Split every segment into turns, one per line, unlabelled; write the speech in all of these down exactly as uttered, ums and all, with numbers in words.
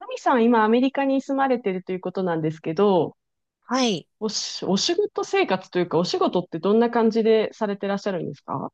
ナミさん、今、アメリカに住まれてるということなんですけど、
はい。
おし、お仕事生活というか、お仕事ってどんな感じでされてらっしゃるんですか？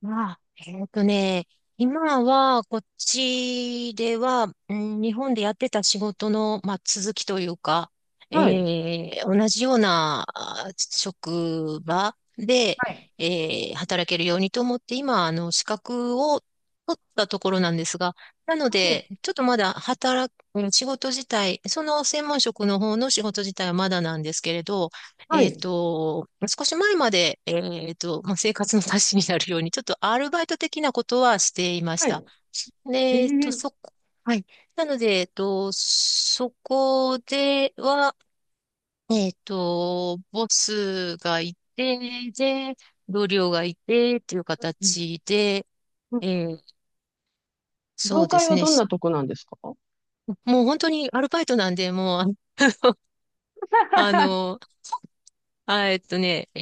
まあ、えっとね、今は、こっちでは、うん、日本でやってた仕事の、まあ、続きというか、
はい。
えー同じようなあ職場で、
はい。
えー働けるようにと思って、今、あの、資格を取ったところなんですが、なの
お。
で、ちょっとまだ働く、仕事自体、その専門職の方の仕事自体はまだなんですけれど、
は
えっ
い。
と、少し前まで、えっと、まあ、生活の足しになるように、ちょっとアルバイト的なことはしていまし
はい。
た。で、
へ
えっと、
え。
そこ、はい。なので、えっと、そこでは、えっと、ボスがいて、で、同僚がいて、っていう
うん
形で、
うん。
えーそ
業
うで
界
す
は
ね。
どん
し
なとこなんですか？
もう本当にアルバイトなんで、もう、ああの、あ、えっとね、え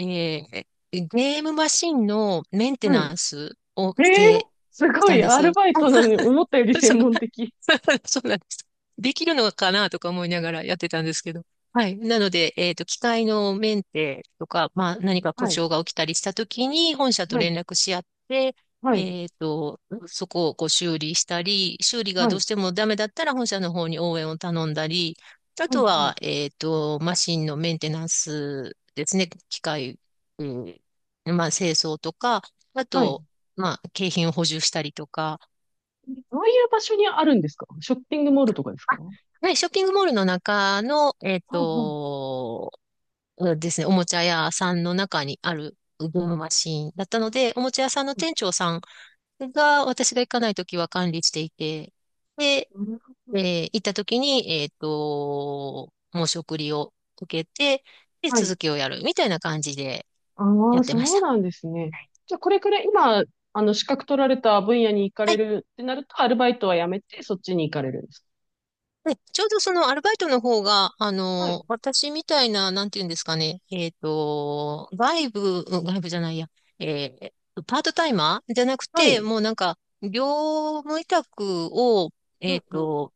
ーゲームマシンのメンテ
はい。
ナンスを
え
し
え、
て
す
き
ご
たん
い、
で
アル
す。
バイトなのに、思ったより専
そ
門的。
う、そうなんです。できるのかなとか思いながらやってたんですけど。はい。なので、えっと、機械のメンテとか、まあ、何か故
はい。
障が起きたりしたときに、本社と
はい。
連絡し合って、
はい。
えっと、そこをこう修理したり、修理が
は
どう
い。
してもダメだったら、本社の方に応援を頼んだり、あ
はい。
とは、えっと、マシンのメンテナンスですね。機械、うん、まあ、清掃とか、あ
はい。
と、まあ、景品を補充したりとか。
どういう場所にあるんですか？ショッピングモールとかですか？
あ、
は、
はい、ショッピングモールの中の、えっ
あは
と、うんですね、おもちゃ屋さんの中にあるゲームマシンだったので、おもちゃ屋さんの
あ。
店長さんが私が行かないときは管理していて、で、
なるほ
え
ど。
ー行った時に、えっと、申し送りを受けて、で、
はい。
続きをやるみたいな感じで
あ
やっ
あ、
てまし
そう
た。
なんですね。
はい。
じゃあ、これくらい今、あの、資格取られた分野に行かれるってなると、アルバイトはやめて、そっちに行かれるんですか？
で、ちょうどそのアルバイトの方が、あ
はい。
の、私みたいな、なんていうんですかね、えっと、外部、うん、外部じゃないや、えーパートタイマーじゃなく
は
て、
い。
もうなんか、業務委託を、
う
えっ
んうん。
と、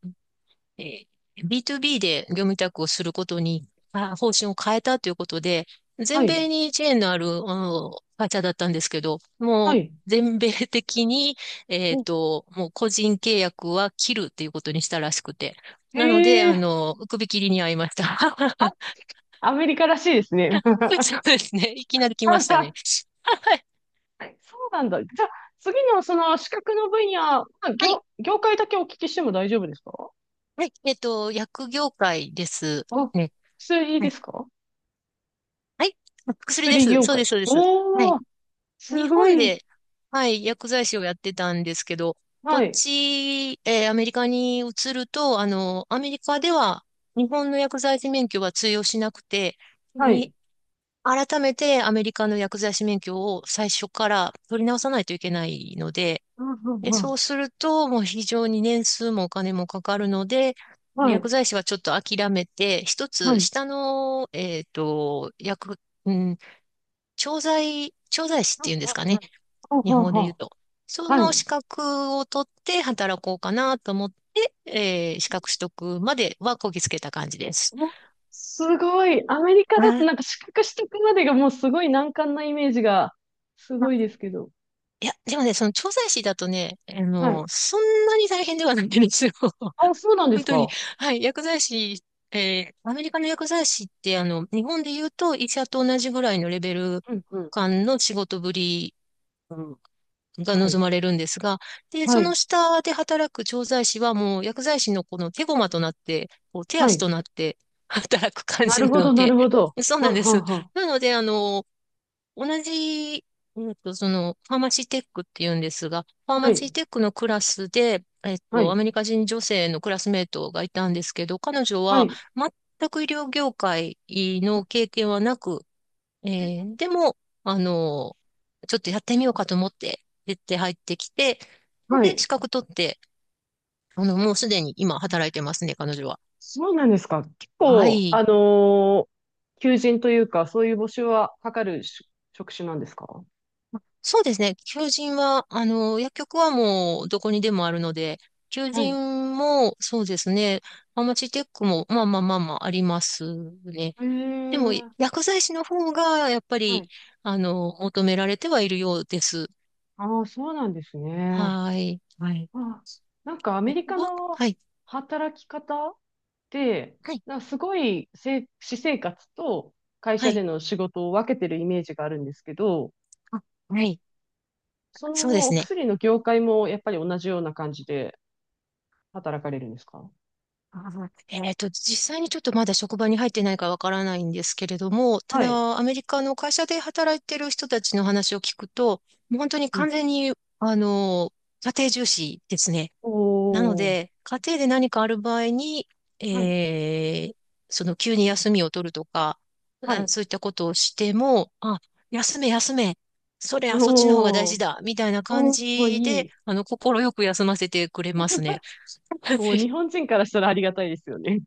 えー ビートゥービー で業務委託をすることに、あ方針を変えたということで、
は
全
い。
米にチェーンのある、あの会社だったんですけど、も
は
う
い。
全米的に、えっ
お。
と、もう個人契約は切るっていうことにしたらしくて。なので、
へ
あ
え。
の、首切りに遭いました。
あ、 アメリカらしいですね。
そうですね。いきなり来ましたね。はい。
はい、そうなんだ。じゃあ、次のその資格の分野、まあ
はい。
業、業界だけお聞きしても大丈夫ですか？
はい。えっと、薬業界です
あ、
ね。
薬
は
で
い。
すか？
はい。薬で
薬
す。
業
そうで
界。
す、そうです。は
お
い。
ー、す
日
ご
本
い。
で、はい、薬剤師をやってたんですけど、こ
は
っ
い。
ち、えーアメリカに移ると、あの、アメリカでは日本の薬剤師免許は通用しなくて、
はい。
に、改めてアメリカの薬剤師免許を最初から取り直さないといけないので、
うんうん
で、
う
そ
ん。
うすると、もう非常に年数もお金もかかるので、
はい。
薬剤師はちょっと諦めて、一
は
つ
い。
下の、えっと、薬、うん、調剤、調剤師っ
う
てい
ん
うんですか
うんう
ね。
ん。ほう
日
ほう
本語
ほ
で言う
う。
と。そ
は
の
い。
資格を取って働こうかなと思って、えー資格取得まではこぎつけた感じです。
うん。すごい。アメリカだと
あ
なんか資格取得までがもうすごい難関なイメージが、すごいで
あ、
すけど。
いや、でもね、その調剤師だとね、あ
は
の、
い。
そんなに大変ではないんですよ。
あ、そうなんで
本
す
当に。
か。
はい、薬剤師、えーアメリカの薬剤師って、あの、日本で言うと医者と同じぐらいのレベル
うんうん。
感の仕事ぶりが
はい。
望まれるんですが、で、
は
そ
い。
の下で働く調剤師はもう薬剤師のこの手駒となって、こう手
は
足
い。
となって 働く感
な
じ
る
な
ほ
の
ど、な
で、
るほど。
そう
は
なん
ん
で
は
す。
んはん。
なので、あの、同じ、えっと、その、ファーマシーテックっていうんですが、ファー
は
マシ
い。
ーテックのクラスで、えっ
は
と、ア
い。
メリカ人女性のクラスメートがいたんですけど、彼女
は
は
い。
全く医療業界の経験はなく、えーでも、あのちょっとやってみようかと思って、出て入ってきて、
は
で、
い。
資格取って、あの、もうすでに今働いてますね、彼女は。
そうなんですか？結
は
構、
い。
あのー求人というか、そういう募集はかかるし職種なんですか？
そうですね。求人は、あの、薬局はもうどこにでもあるので、求
はい。
人も、そうですね。ファマチテックも、まあまあまあまあありますね。
へ
でも、
え。
薬剤師の方が、やっぱ
は
り、
い。
あの、求められてはいるようです。
ああ、そうなんですね。
はい。はい。
あ、なんかアメ
え
リカ
わ
の
はい。
働き方って、
はい。
なんかすごいせ私生活と会
は
社で
い。
の仕事を分けてるイメージがあるんですけど、
あ、はい。
そ
そうで
のお
すね。
薬の業界もやっぱり同じような感じで働かれるんですか？
あえっと、実際にちょっとまだ職場に入ってないからわからないんですけれども、た
はい。
だ、アメリカの会社で働いてる人たちの話を聞くと、もう本当に
うん。
完全に、あの、家庭重視ですね。なの
おー。
で、家庭で何かある場合に、
はい。
えーその急に休みを取るとか、
は
あ
い。
そういったことをしても、あ、休め休め、それはそっちの方が大
お
事
ー。
だ、みたいな感
おー、
じ
い
で、
い。
あの、快く休ませてくれますね。
もう 日本人からしたらありがたいですよね。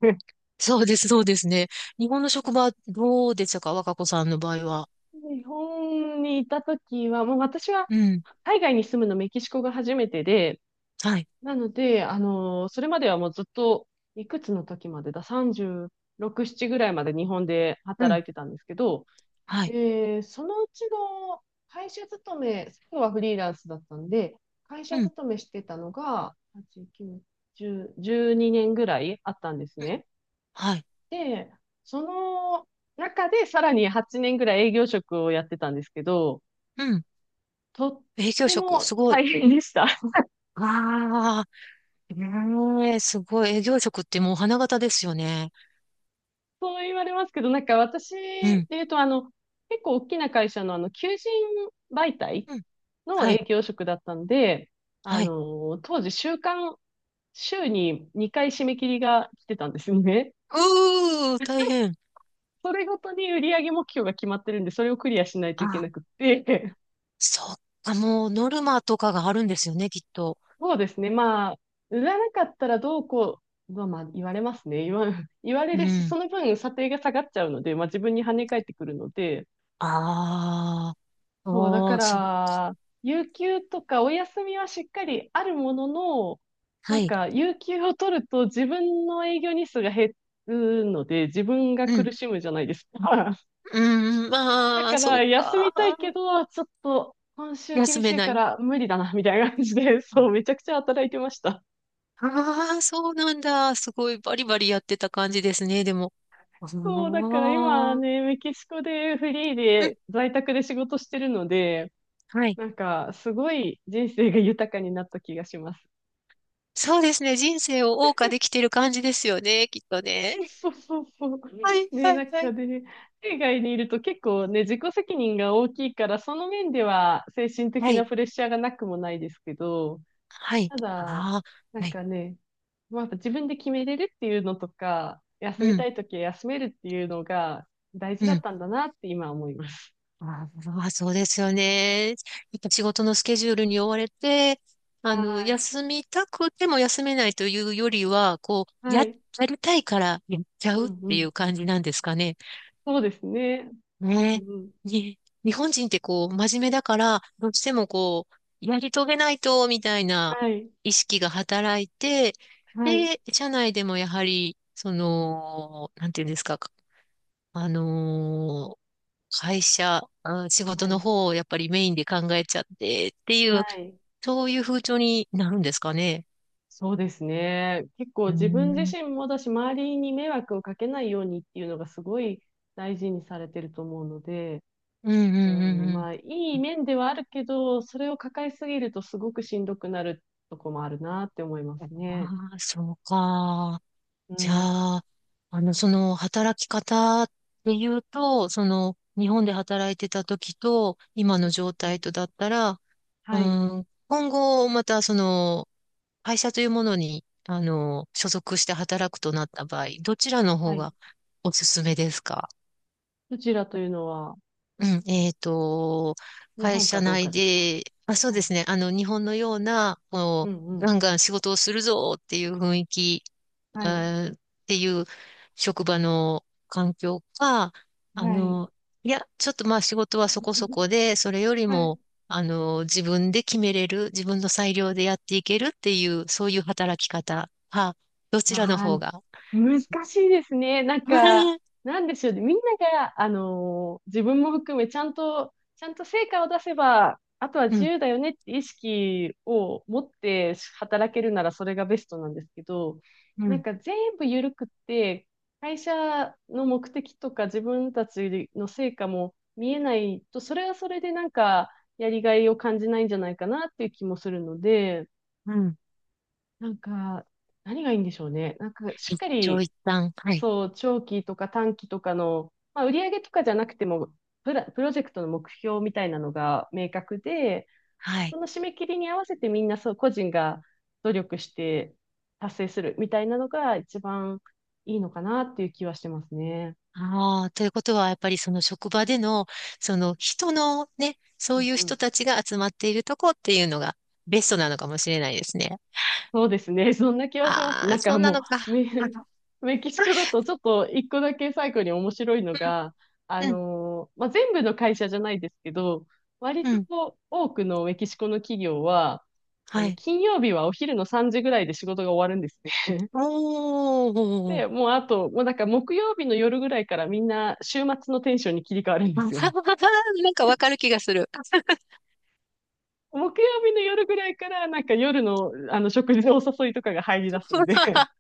そうです、そうですね。日本の職場どうでしたか、若子さんの場合は？
日本にいたときは、もう私は
うん。
海外に住むのメキシコが初めてで、
はい。
なので、あのーそれまではもうずっと、いくつの時までだ、さんじゅうろく、ななぐらいまで日本で
うん。
働いてたんですけど、
はい。
で、そのうちの会社勤め、最後はフリーランスだったんで、会
うん。
社
うん、
勤めしてたのが、はち、きゅう、じゅう、じゅうにねんぐらいあったんですね。
はい。
で、その中でさらにはちねんぐらい営業職をやってたんですけど、
うん。
とっ
営業
て
職、
も
すごい。
大変でした。
ああ、ええ、すごい。営業職ってもう花形ですよね。
そう言われますけど、なんか私
う
で
ん。
言うと、あの、結構大きな会社のあの、求人媒体
うん。
の
はい。
営業職だったんで、あ
はい。
の、当時、週間、週ににかい締め切りが来てたんですね。
うー、大 変。
それごとに売上目標が決まってるんで、それをクリアしないといけ
あ、
なくって、
そっか、もうノルマとかがあるんですよね、きっと。
そうですね、まあ、売らなかったらどうこう、まあ、まあ言われますね。言わ、言われ
う
るし、そ
ん。
の分査定が下がっちゃうので、まあ自分に跳ね返ってくるので、
ああ、
そう、だ
お
か
ー、そう。
ら、有給とかお休みはしっかりあるものの、な
は
ん
い。
か、有給を取ると自分の営業日数が減るので、自分が
うん。
苦しむじゃないですか。
うん、
だ
まあ、
か
そう
ら、休
か。
みたいけど、ちょっと、今週
休
厳し
め
い
な
か
い。
ら無理だな、みたいな感じで、そう、めちゃくちゃ働いてました。
ああー、そうなんだ。すごいバリバリやってた感じですね、でも。あ
そう、だから今
あ、
ね、メキシコでフリー
うん、
で在宅で仕事してるので、
はい。
なんか、すごい人生が豊かになった気がします。
そうですね。人生を謳歌できてる感じですよね、きっとね。
そうそうそうそ
はい、
う。ね、
は
な
い、
ん
は
か
い。
ね、海外にいると結構ね、自己責任が大きいから、その面では精神
は
的な
い、
プレッシャーがなくもないですけど、
はい。
ただ、
あ
な
あ、
ん
はい。
かね、まあ、自分で決めれるっていうのとか、休
う
みた
ん、
いときは休めるっていうのが大事だ
う
っ
ん。
たんだなって今思います。
ああ、そうですよね。やっぱ仕事のスケジュールに追われて、あ
は
の、
い。
休みたくても休めないというよりは、こう、
は
や、
い。
やりたいからやっちゃ
う
うっ
んう
ていう
ん。
感じなんですかね。
そうですね。う
ね
んうん。
え。ね、日本人ってこう、真面目だから、どうしてもこう、やり遂げないと、みたいな
はい。
意識が働いて、
はい。
で、社内でもやはり、その、なんていうんですか、あのー会社、あ仕
は
事の
い。
方をやっぱりメインで考えちゃってってい
は
う、
い。
そういう風潮になるんですかね。
そうですね。結構
うーん、
自分
うん、
自身もだし、周りに迷惑をかけないようにっていうのがすごい大事にされてると思うので、
うん、
うん、
うん、
まあ、いい面ではあるけど、それを抱えすぎるとすごくしんどくなるとこもあるなって思いま
うん。
すね。
ああ、そうか。
う
じゃ
ん。
あ、あの、その働き方っていうと、その日本で働いてた時と今の状
う
態
ん。
とだったら、う
はい。
ん、今後またその会社というものに、あの、所属して働くとなった場合、どちらの
は
方
い。
がおすすめですか？
どちらというのは、
うん、えっと、
日
会
本か
社
どう
内
かですか？
で、あ、そう
はい。
ですね、あの、日本のような、
う
こ
んう
う、
ん。
ガンガン仕事をするぞっていう雰囲気
は
え
い。
ーっていう職場の環境か、あ
はい。
の、いや、ちょっとまあ仕事はそこそこ で、それより
はい。
も、あの、自分で決めれる、自分の裁量でやっていけるっていう、そういう働き方か、どちらの
まあ、
方が。
難しいですね。なんか、なんでしょうね。みんなが、あのー自分も含め、ちゃんと、ちゃんと成果を出せば、あとは
う
自
ん、
由だよねって意識を持って働けるならそれがベストなんですけど、
う
なん
ん、
か全部緩くって、会社の目的とか自分たちの成果も見えないと、それはそれでなんか、やりがいを感じないんじゃないかなっていう気もするので、
うん。
なんか、何がいいんでしょうね。なんか、しっ
一
か
長
り、
一短。はい。
そう、長期とか短期とかの、まあ、売上とかじゃなくても、プラ、プロジェクトの目標みたいなのが明確で、
は
そ
い。
の締め切りに合わせてみんな、そう、個人が努力して達成するみたいなのが一番いいのかなっていう気はしてますね。
ああ、ということは、やっぱりその職場での、その人のね、そ
う
う
ん
いう
う
人
ん。
たちが集まっているとこっていうのがベストなのかもしれないですね。
そうですね。そんな気はします。
あ
な
あ、
ん
そ
か
うな
も
のか。
う、メ、
あ の、
メキシコだとちょっと一個だけ最後に面白いの
うん、
が、あ
うん、
のーまあ、全部の会社じゃないですけど、割
う
と
ん。
こう多くのメキシコの企業は、あ
は
の、
い。
金曜日はお昼のさんじぐらいで仕事が終わるんですね。
お
で、
ー。
もうあと、もうなんか木曜日の夜ぐらいからみんな週末のテンションに切り替わるん で
な
す
ん
よ。
かわかる気がする。
木曜日の夜ぐらいからなんか夜のあの食事のお誘いとかが入り出すんで、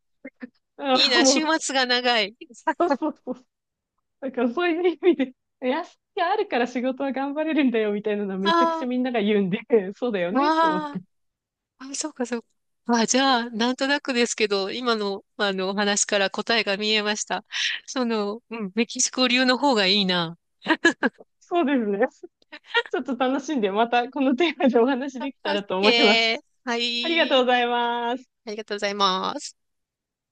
あ
いい
の
な、
も
週
う、
末が長い。
そう そうそう、だからそういう意味で、休みがあるから仕事は頑張れるんだよみたいなのはめちゃくちゃ
あ
みんなが言うんで、そうだよ
あ、
ねって思っ
わあ、
て。
あ、そうか、そうか。あ、じゃあ、なんとなくですけど、今の、あの、お話から答えが見えました。その、うん、メキシコ流の方がいいな。
そうですね。ちょっと楽しんで、またこのテーマでお話
あ、
でき
オ
たら
ッ
と思います。
ケー。は
ありがとうご
い。
ざいます。
ありがとうございます。